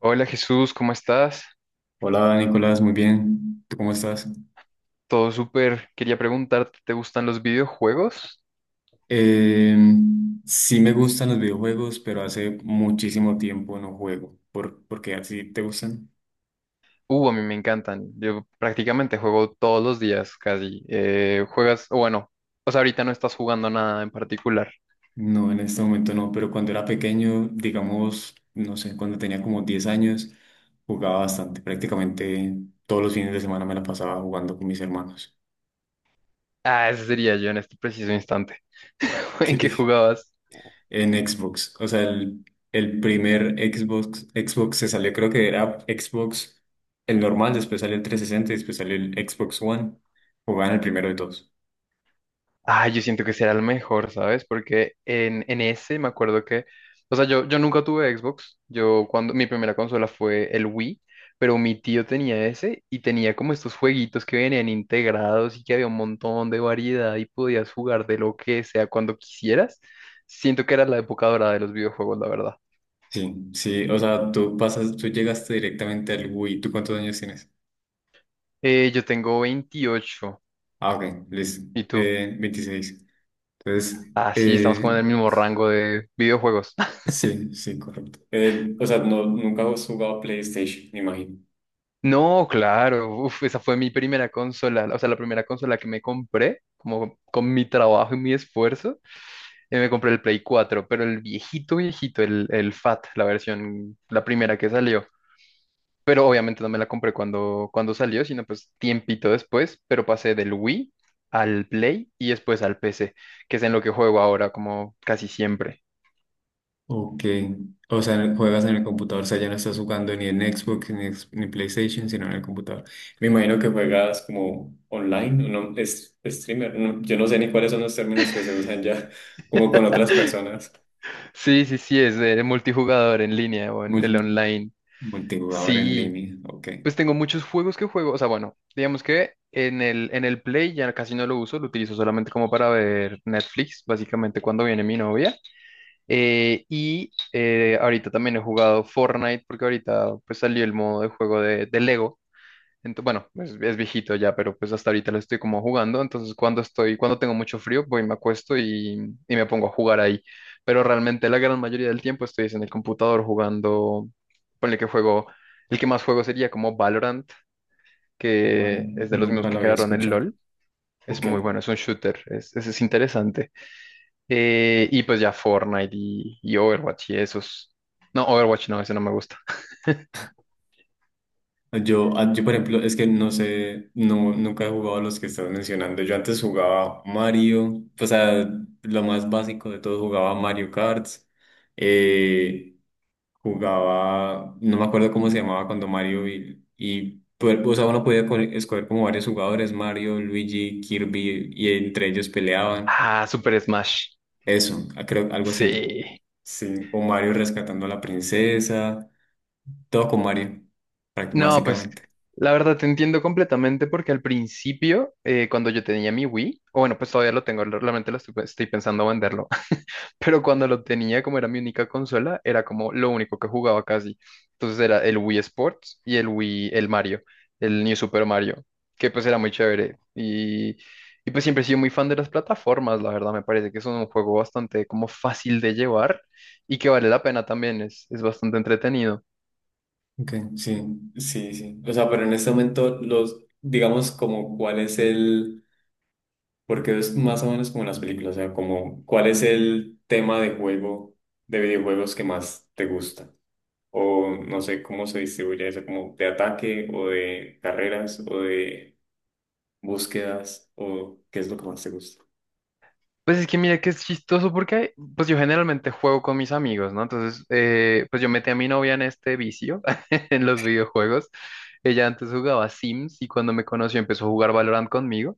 Hola Jesús, ¿cómo estás? Hola Nicolás, muy bien. ¿Tú cómo estás? Todo súper. Quería preguntarte, ¿te gustan los videojuegos? Eh, sí me gustan los videojuegos, pero hace muchísimo tiempo no juego. ¿Por qué así te gustan? A mí me encantan. Yo prácticamente juego todos los días casi. O bueno, pues ahorita no estás jugando nada en particular. No, en este momento no, pero cuando era pequeño, digamos, no sé, cuando tenía como 10 años, jugaba bastante. Prácticamente todos los fines de semana me la pasaba jugando con mis hermanos. Ah, ese sería yo en este preciso instante. ¿En qué ¿Qué? jugabas? En Xbox. El primer Xbox, Xbox se salió, creo que era Xbox el normal, después salió el 360 y después salió el Xbox One. Jugaban el primero de todos. Ah, yo siento que será el mejor, ¿sabes? Porque en ese me acuerdo que, o sea, yo nunca tuve Xbox, yo cuando mi primera consola fue el Wii, pero mi tío tenía ese y tenía como estos jueguitos que venían integrados y que había un montón de variedad y podías jugar de lo que sea cuando quisieras. Siento que era la época dorada de los videojuegos, la verdad. Sí, sí, o sea, tú llegaste directamente al Wii. ¿Tú cuántos años tienes? Yo tengo 28, Ah, ok, listo. ¿y tú? 26. Entonces, Ah, sí, estamos como eh, en el mismo rango de videojuegos. sí, sí, correcto. O sea, no, nunca has jugado PlayStation, me imagino. No, claro, uf, esa fue mi primera consola, o sea, la primera consola que me compré, como con mi trabajo y mi esfuerzo, me compré el Play 4, pero el viejito, viejito, el FAT, la versión, la primera que salió. Pero obviamente no me la compré cuando salió, sino pues tiempito después, pero pasé del Wii al Play y después al PC, que es en lo que juego ahora, como casi siempre. Ok. O sea, juegas en el computador, o sea, ya no estás jugando ni en Xbox ni, ni PlayStation, sino en el computador. Me imagino que juegas como online, ¿no? Es streamer, no yo no sé ni cuáles son los términos que se usan ya, como con otras personas. Sí, sí, sí, es de multijugador en línea o en el Multi- online. Multijugador en Sí, línea, ok. pues tengo muchos juegos que juego, o sea, bueno, digamos que en el Play ya casi no lo uso, lo utilizo solamente como para ver Netflix, básicamente cuando viene mi novia. Y ahorita también he jugado Fortnite porque ahorita pues salió el modo de juego de Lego. Entonces, bueno, es viejito ya, pero pues hasta ahorita lo estoy como jugando. Entonces cuando tengo mucho frío, voy, me acuesto y me pongo a jugar ahí. Pero realmente la gran mayoría del tiempo estoy es en el computador jugando, ponle que juego... El que más juego sería como Valorant, Vale, que es de los mismos nunca lo que había crearon el escuchado. LOL. Es Ok. muy bueno, es un shooter, es interesante. Y pues ya Fortnite y Overwatch y esos. No, Overwatch no, ese no me gusta. Yo, por ejemplo, es que no sé, no, nunca he jugado a los que estás mencionando. Yo antes jugaba Mario, o sea, lo más básico de todo, jugaba Mario Kart, eh, jugaba, no me acuerdo cómo se llamaba cuando Mario y pues, o sea, uno podía escoger como varios jugadores, Mario, Luigi, Kirby, y entre ellos peleaban. Ah, Super Smash. Eso, ah, creo, algo así. Sí. Sí, o Mario rescatando a la princesa, todo con Mario, No, pues básicamente. la verdad te entiendo completamente porque al principio, cuando yo tenía mi Wii, o bueno, pues todavía lo tengo, realmente lo estoy pensando venderlo. Pero cuando lo tenía, como era mi única consola, era como lo único que jugaba casi. Entonces era el Wii Sports y el Wii, el Mario, el New Super Mario, que pues era muy chévere. Y pues siempre he sido muy fan de las plataformas, la verdad, me parece que es un juego bastante como fácil de llevar y que vale la pena también, es bastante entretenido. Ok, sí, sí, sí. O sea, pero en este momento los, digamos, como cuál es el, porque es más o menos como en las películas, o sea, como cuál es el tema de juego, de videojuegos que más te gusta. O no sé cómo se distribuye eso, como de ataque o de carreras o de búsquedas o qué es lo que más te gusta. Pues es que mira que es chistoso porque pues yo generalmente juego con mis amigos, ¿no? Entonces, pues yo metí a mi novia en este vicio, en los videojuegos. Ella antes jugaba Sims y cuando me conoció empezó a jugar Valorant conmigo.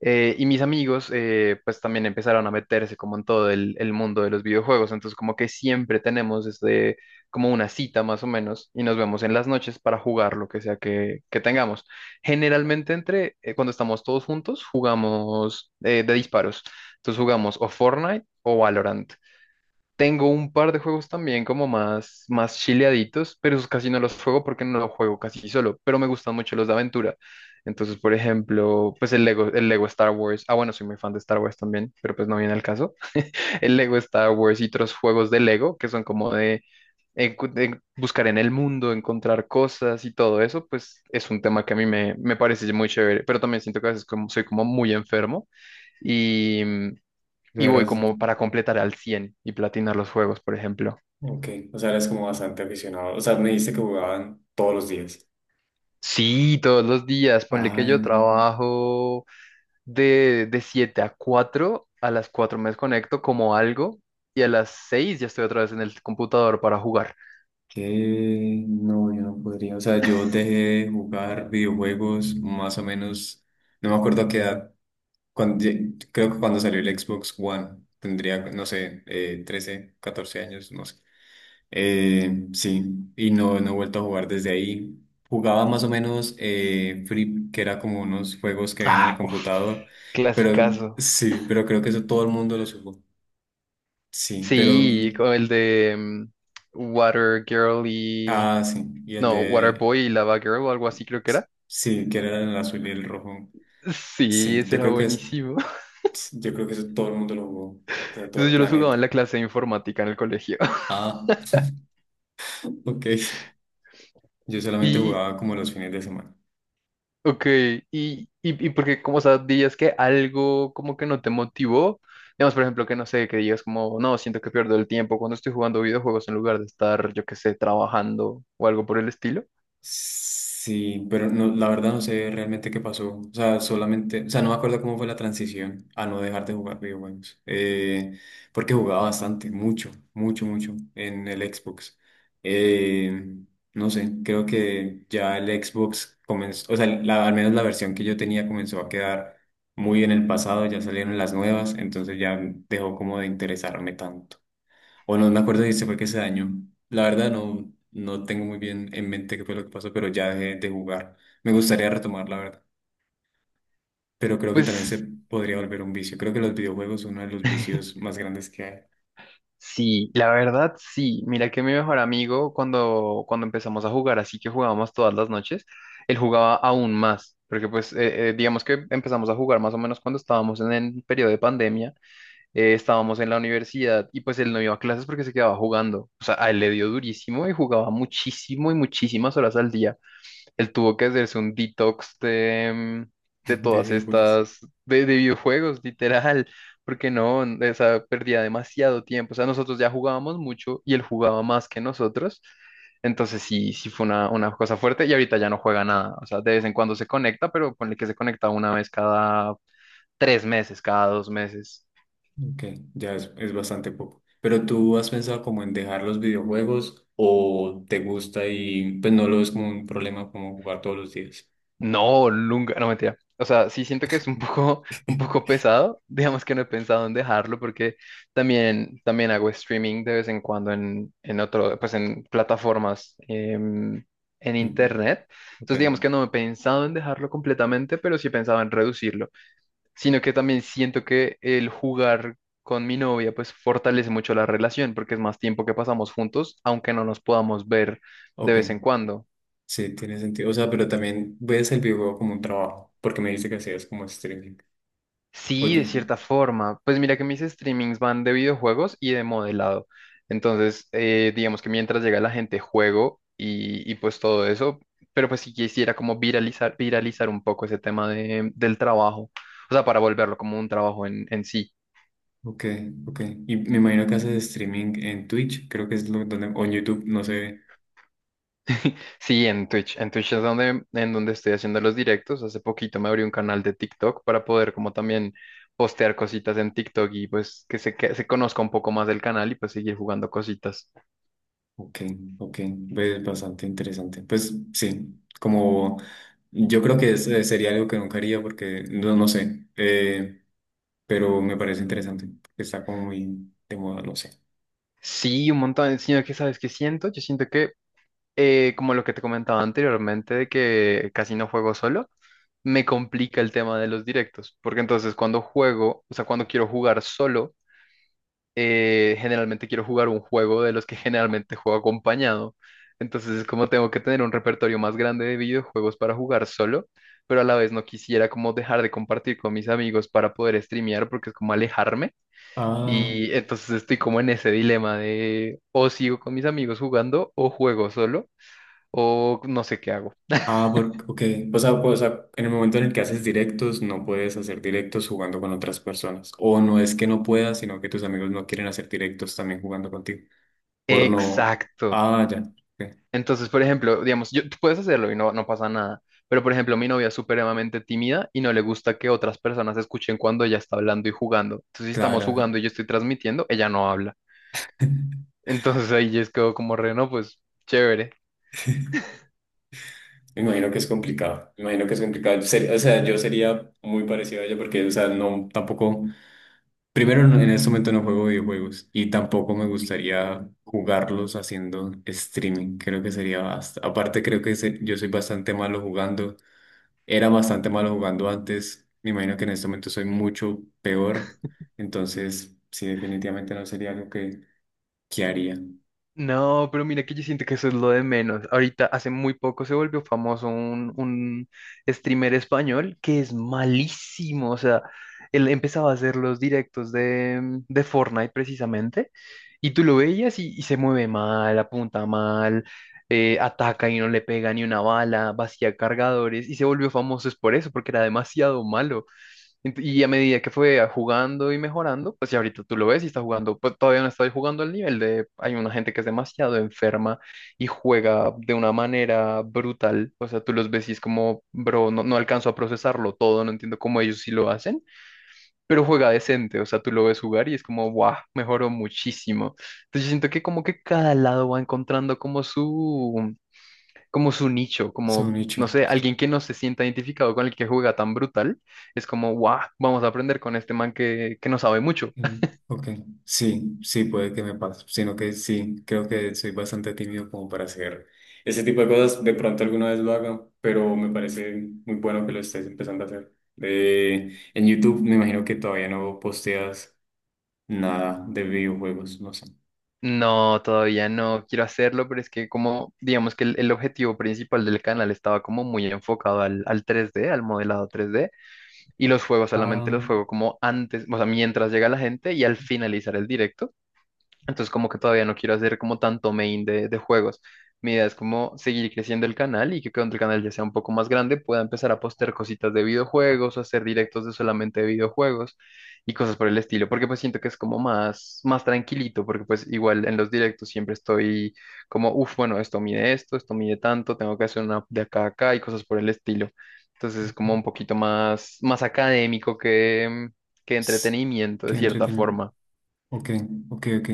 Y mis amigos, pues también empezaron a meterse como en todo el mundo de los videojuegos. Entonces, como que siempre tenemos este, como una cita más o menos, y nos vemos en las noches para jugar lo que sea que tengamos. Generalmente, cuando estamos todos juntos, jugamos de disparos. Entonces, jugamos o Fortnite o Valorant. Tengo un par de juegos también como más, más chileaditos, pero esos casi no los juego porque no los juego casi solo, pero me gustan mucho los de aventura. Entonces, por ejemplo, pues el Lego Star Wars. Ah, bueno, soy muy fan de Star Wars también, pero pues no viene al caso. El Lego Star Wars y otros juegos de Lego que son como de buscar en el mundo, encontrar cosas y todo eso, pues es un tema que a mí me parece muy chévere, pero también siento que a veces como, soy como muy enfermo y, y sea, voy eras, como para completar al 100 y platinar los juegos, por ejemplo. ok, o sea, eres como bastante aficionado. O sea, me dijiste que jugaban todos los días. Sí, todos los días. Ponle que yo Ah. trabajo de 7 a 4. A las 4 me desconecto como algo. Y a las 6 ya estoy otra vez en el computador para jugar. Que no, yo no podría. O sea, yo dejé de jugar videojuegos más o menos, no me acuerdo a qué edad, cuando, creo que cuando salió el Xbox One, tendría, no sé, 13, 14 años, no sé. Sí, y no, no he vuelto a jugar desde ahí. Jugaba más o menos Free, que era como unos juegos que había en el Ah, uf, computador, pero clasicazo. sí, pero creo que eso todo el mundo lo jugó. Sí, pero, Sí, como el de Water Girl y... ah, sí, y el No, Water de... Boy y Lava Girl o algo así creo que era. Sí, que era el azul y el rojo. Sí, Sí, ese yo era creo que es, buenísimo. yo creo que eso todo el mundo lo jugó, o sea, todo Eso el yo los jugaba en planeta. la clase de informática en el colegio. Ah, ok. Yo solamente Y jugaba como los fines de semana. ok, y porque como, o sea, dirías que algo como que no te motivó, digamos, por ejemplo, que no sé, que digas como, no, siento que pierdo el tiempo cuando estoy jugando videojuegos en lugar de estar, yo qué sé, trabajando o algo por el estilo. Sí, pero no, la verdad no sé realmente qué pasó. O sea, solamente, o sea, no me acuerdo cómo fue la transición a no dejar de jugar videojuegos. Porque jugaba bastante, mucho, mucho, mucho en el Xbox. Eh, no sé, creo que ya el Xbox comenzó, o sea, al menos la versión que yo tenía comenzó a quedar muy en el pasado, ya salieron las nuevas, entonces ya dejó como de interesarme tanto. O no me acuerdo si se fue que se dañó. La verdad no, no tengo muy bien en mente qué fue lo que pasó, pero ya dejé de jugar. Me gustaría retomar, la verdad. Pero creo que también se Pues podría volver un vicio. Creo que los videojuegos son uno de los vicios más grandes que hay. sí, la verdad sí. Mira que mi mejor amigo cuando empezamos a jugar, así que jugábamos todas las noches, él jugaba aún más, porque pues digamos que empezamos a jugar más o menos cuando estábamos en el periodo de pandemia. Estábamos en la universidad y pues él no iba a clases porque se quedaba jugando. O sea, a él le dio durísimo y jugaba muchísimo y muchísimas horas al día. Él tuvo que hacerse un detox mm, de De todas videojuegos. estas, de videojuegos, literal, porque no, esa perdía demasiado tiempo. O sea, nosotros ya jugábamos mucho y él jugaba más que nosotros. Entonces sí, sí fue una cosa fuerte y ahorita ya no juega nada. O sea, de vez en cuando se conecta, pero ponle que se conecta una vez cada 3 meses, cada 2 meses. Ok, ya es bastante poco. Pero tú has pensado como en dejar los videojuegos o te gusta y pues no lo ves como un problema como jugar todos los días. No, nunca, no mentira. O sea, sí siento que es un poco pesado. Digamos que no he pensado en dejarlo porque también hago streaming de vez en cuando en otro, pues en plataformas en Mm, internet. ok, Entonces, digamos que no he pensado en dejarlo completamente, pero sí he pensado en reducirlo. Sino que también siento que el jugar con mi novia, pues fortalece mucho la relación porque es más tiempo que pasamos juntos, aunque no nos podamos ver de ok. vez en cuando. Sí, tiene sentido. O sea, pero también ves el videojuego como un trabajo, porque me dijiste que hacías como streaming. Sí, de Oye, cierta forma. Pues mira que mis streamings van de videojuegos y de modelado. Entonces, digamos que mientras llega la gente, juego y pues todo eso. Pero pues si quisiera como viralizar, viralizar un poco ese tema del trabajo. O sea, para volverlo como un trabajo en sí. ok, ok. Y me imagino que haces streaming en Twitch, creo que es lo donde, o en YouTube, no sé. Sí, en Twitch. En Twitch es en donde estoy haciendo los directos. Hace poquito me abrí un canal de TikTok para poder como también postear cositas en TikTok y pues que se conozca un poco más del canal y pues seguir jugando cositas. Ok, ok. Ves bastante interesante. Pues sí, como yo creo que sería algo que nunca haría porque no, no sé, pero me parece interesante, porque está como muy de moda, no sé. Sí, un montón, sino que sabes qué siento, yo siento que como lo que te comentaba anteriormente de que casi no juego solo, me complica el tema de los directos, porque entonces cuando juego, o sea, cuando quiero jugar solo, generalmente quiero jugar un juego de los que generalmente juego acompañado, entonces es como tengo que tener un repertorio más grande de videojuegos para jugar solo, pero a la vez no quisiera como dejar de compartir con mis amigos para poder streamear, porque es como alejarme. Ah. Y entonces estoy como en ese dilema de o sigo con mis amigos jugando o juego solo o no sé qué hago. Ah, ok. O sea, pues, o sea, en el momento en el que haces directos, no puedes hacer directos jugando con otras personas. O no es que no puedas, sino que tus amigos no quieren hacer directos también jugando contigo. Por no. Exacto. Ah, ya. Ok. Entonces, por ejemplo, digamos, tú puedes hacerlo y no, no pasa nada. Pero, por ejemplo, mi novia es supremamente tímida y no le gusta que otras personas escuchen cuando ella está hablando y jugando. Entonces, si estamos Claro. jugando y yo estoy transmitiendo, ella no habla. Entonces ahí yo es quedo como re, no, pues chévere. Me imagino que es complicado. Me imagino que es complicado. O sea, yo sería muy parecido a ella porque, o sea, no, tampoco. Primero, en este momento no juego videojuegos y tampoco me gustaría jugarlos haciendo streaming. Creo que sería basta. Aparte, creo que yo soy bastante malo jugando. Era bastante malo jugando antes. Me imagino que en este momento soy mucho peor. Entonces, sí, definitivamente no sería algo que haría. No, pero mira que yo siento que eso es lo de menos. Ahorita hace muy poco se volvió famoso un streamer español que es malísimo. O sea, él empezaba a hacer los directos de Fortnite precisamente y tú lo veías y se mueve mal, apunta mal, ataca y no le pega ni una bala, vacía cargadores y se volvió famoso es por eso, porque era demasiado malo. Y a medida que fue jugando y mejorando, pues ya ahorita tú lo ves y está jugando, pues todavía no estoy jugando al nivel de, hay una gente que es demasiado enferma y juega de una manera brutal, o sea, tú los ves y es como, bro, no, no alcanzo a procesarlo todo, no entiendo cómo ellos sí lo hacen, pero juega decente, o sea, tú lo ves jugar y es como, wow, mejoró muchísimo. Entonces yo siento que como que cada lado va encontrando como su nicho, Son como, nicho. no sé, Sí. alguien que no se sienta identificado con el que juega tan brutal, es como, guau, vamos a aprender con este man que no sabe mucho. Mm, ok. Sí, sí, puede que me pase. Sino que sí, creo que soy bastante tímido como para hacer ese tipo de cosas. De pronto alguna vez lo haga, pero me parece muy bueno que lo estés empezando a hacer. En YouTube me imagino que todavía no posteas nada de videojuegos, no sé. No, todavía no quiero hacerlo, pero es que como, digamos que el objetivo principal del canal estaba como muy enfocado al modelado 3D y los juegos Ah, solamente los juego como antes, o sea, mientras llega la gente y al finalizar el directo. Entonces como que todavía no quiero hacer como tanto main de juegos. Mi idea es como seguir creciendo el canal y que cuando el canal ya sea un poco más grande pueda empezar a postear cositas de videojuegos o hacer directos de solamente de videojuegos y cosas por el estilo, porque pues siento que es como más, más tranquilito, porque pues igual en los directos siempre estoy como, uff, bueno, esto mide esto, esto mide tanto, tengo que hacer una de acá a acá y cosas por el estilo. Entonces es como un poquito más, más académico que s- entretenimiento de qué cierta entretenido. forma. Ok, ok, ok.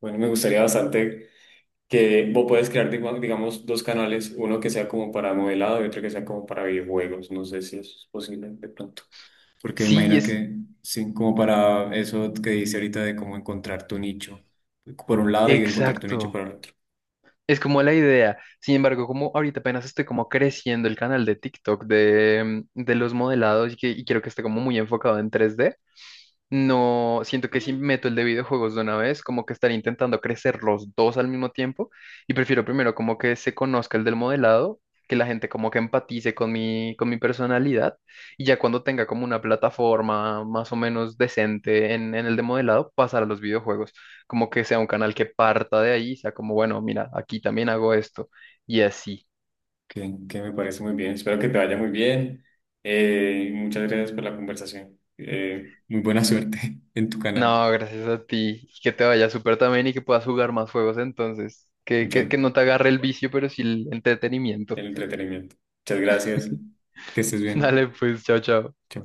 Bueno, me gustaría bastante que vos puedes crear, digamos, dos canales, uno que sea como para modelado y otro que sea como para videojuegos. No sé si eso es posible de pronto. Porque Sí, imagino que, sí, como para eso que dice ahorita de cómo encontrar tu nicho por un lado y encontrar tu nicho exacto. por el otro. Es como la idea. Sin embargo, como ahorita apenas estoy como creciendo el canal de TikTok de los modelados y quiero que esté como muy enfocado en 3D. No, siento que si meto el de videojuegos de una vez, como que estaré intentando crecer los dos al mismo tiempo y prefiero primero como que se conozca el del modelado, que la gente como que empatice con con mi personalidad y ya cuando tenga como una plataforma más o menos decente en el de modelado, pasar a los videojuegos, como que sea un canal que parta de ahí, sea como, bueno, mira, aquí también hago esto y así. Que me parece muy bien. Espero que te vaya muy bien. Muchas gracias por la conversación. Muy buena suerte en tu canal. No, gracias a ti. Y que te vaya súper también y que puedas jugar más juegos entonces. Que, Mucho que, que el no te agarre el vicio, pero sí el entretenimiento. entretenimiento. Muchas gracias. Que estés bien. Dale, pues, chao, chao. Sí.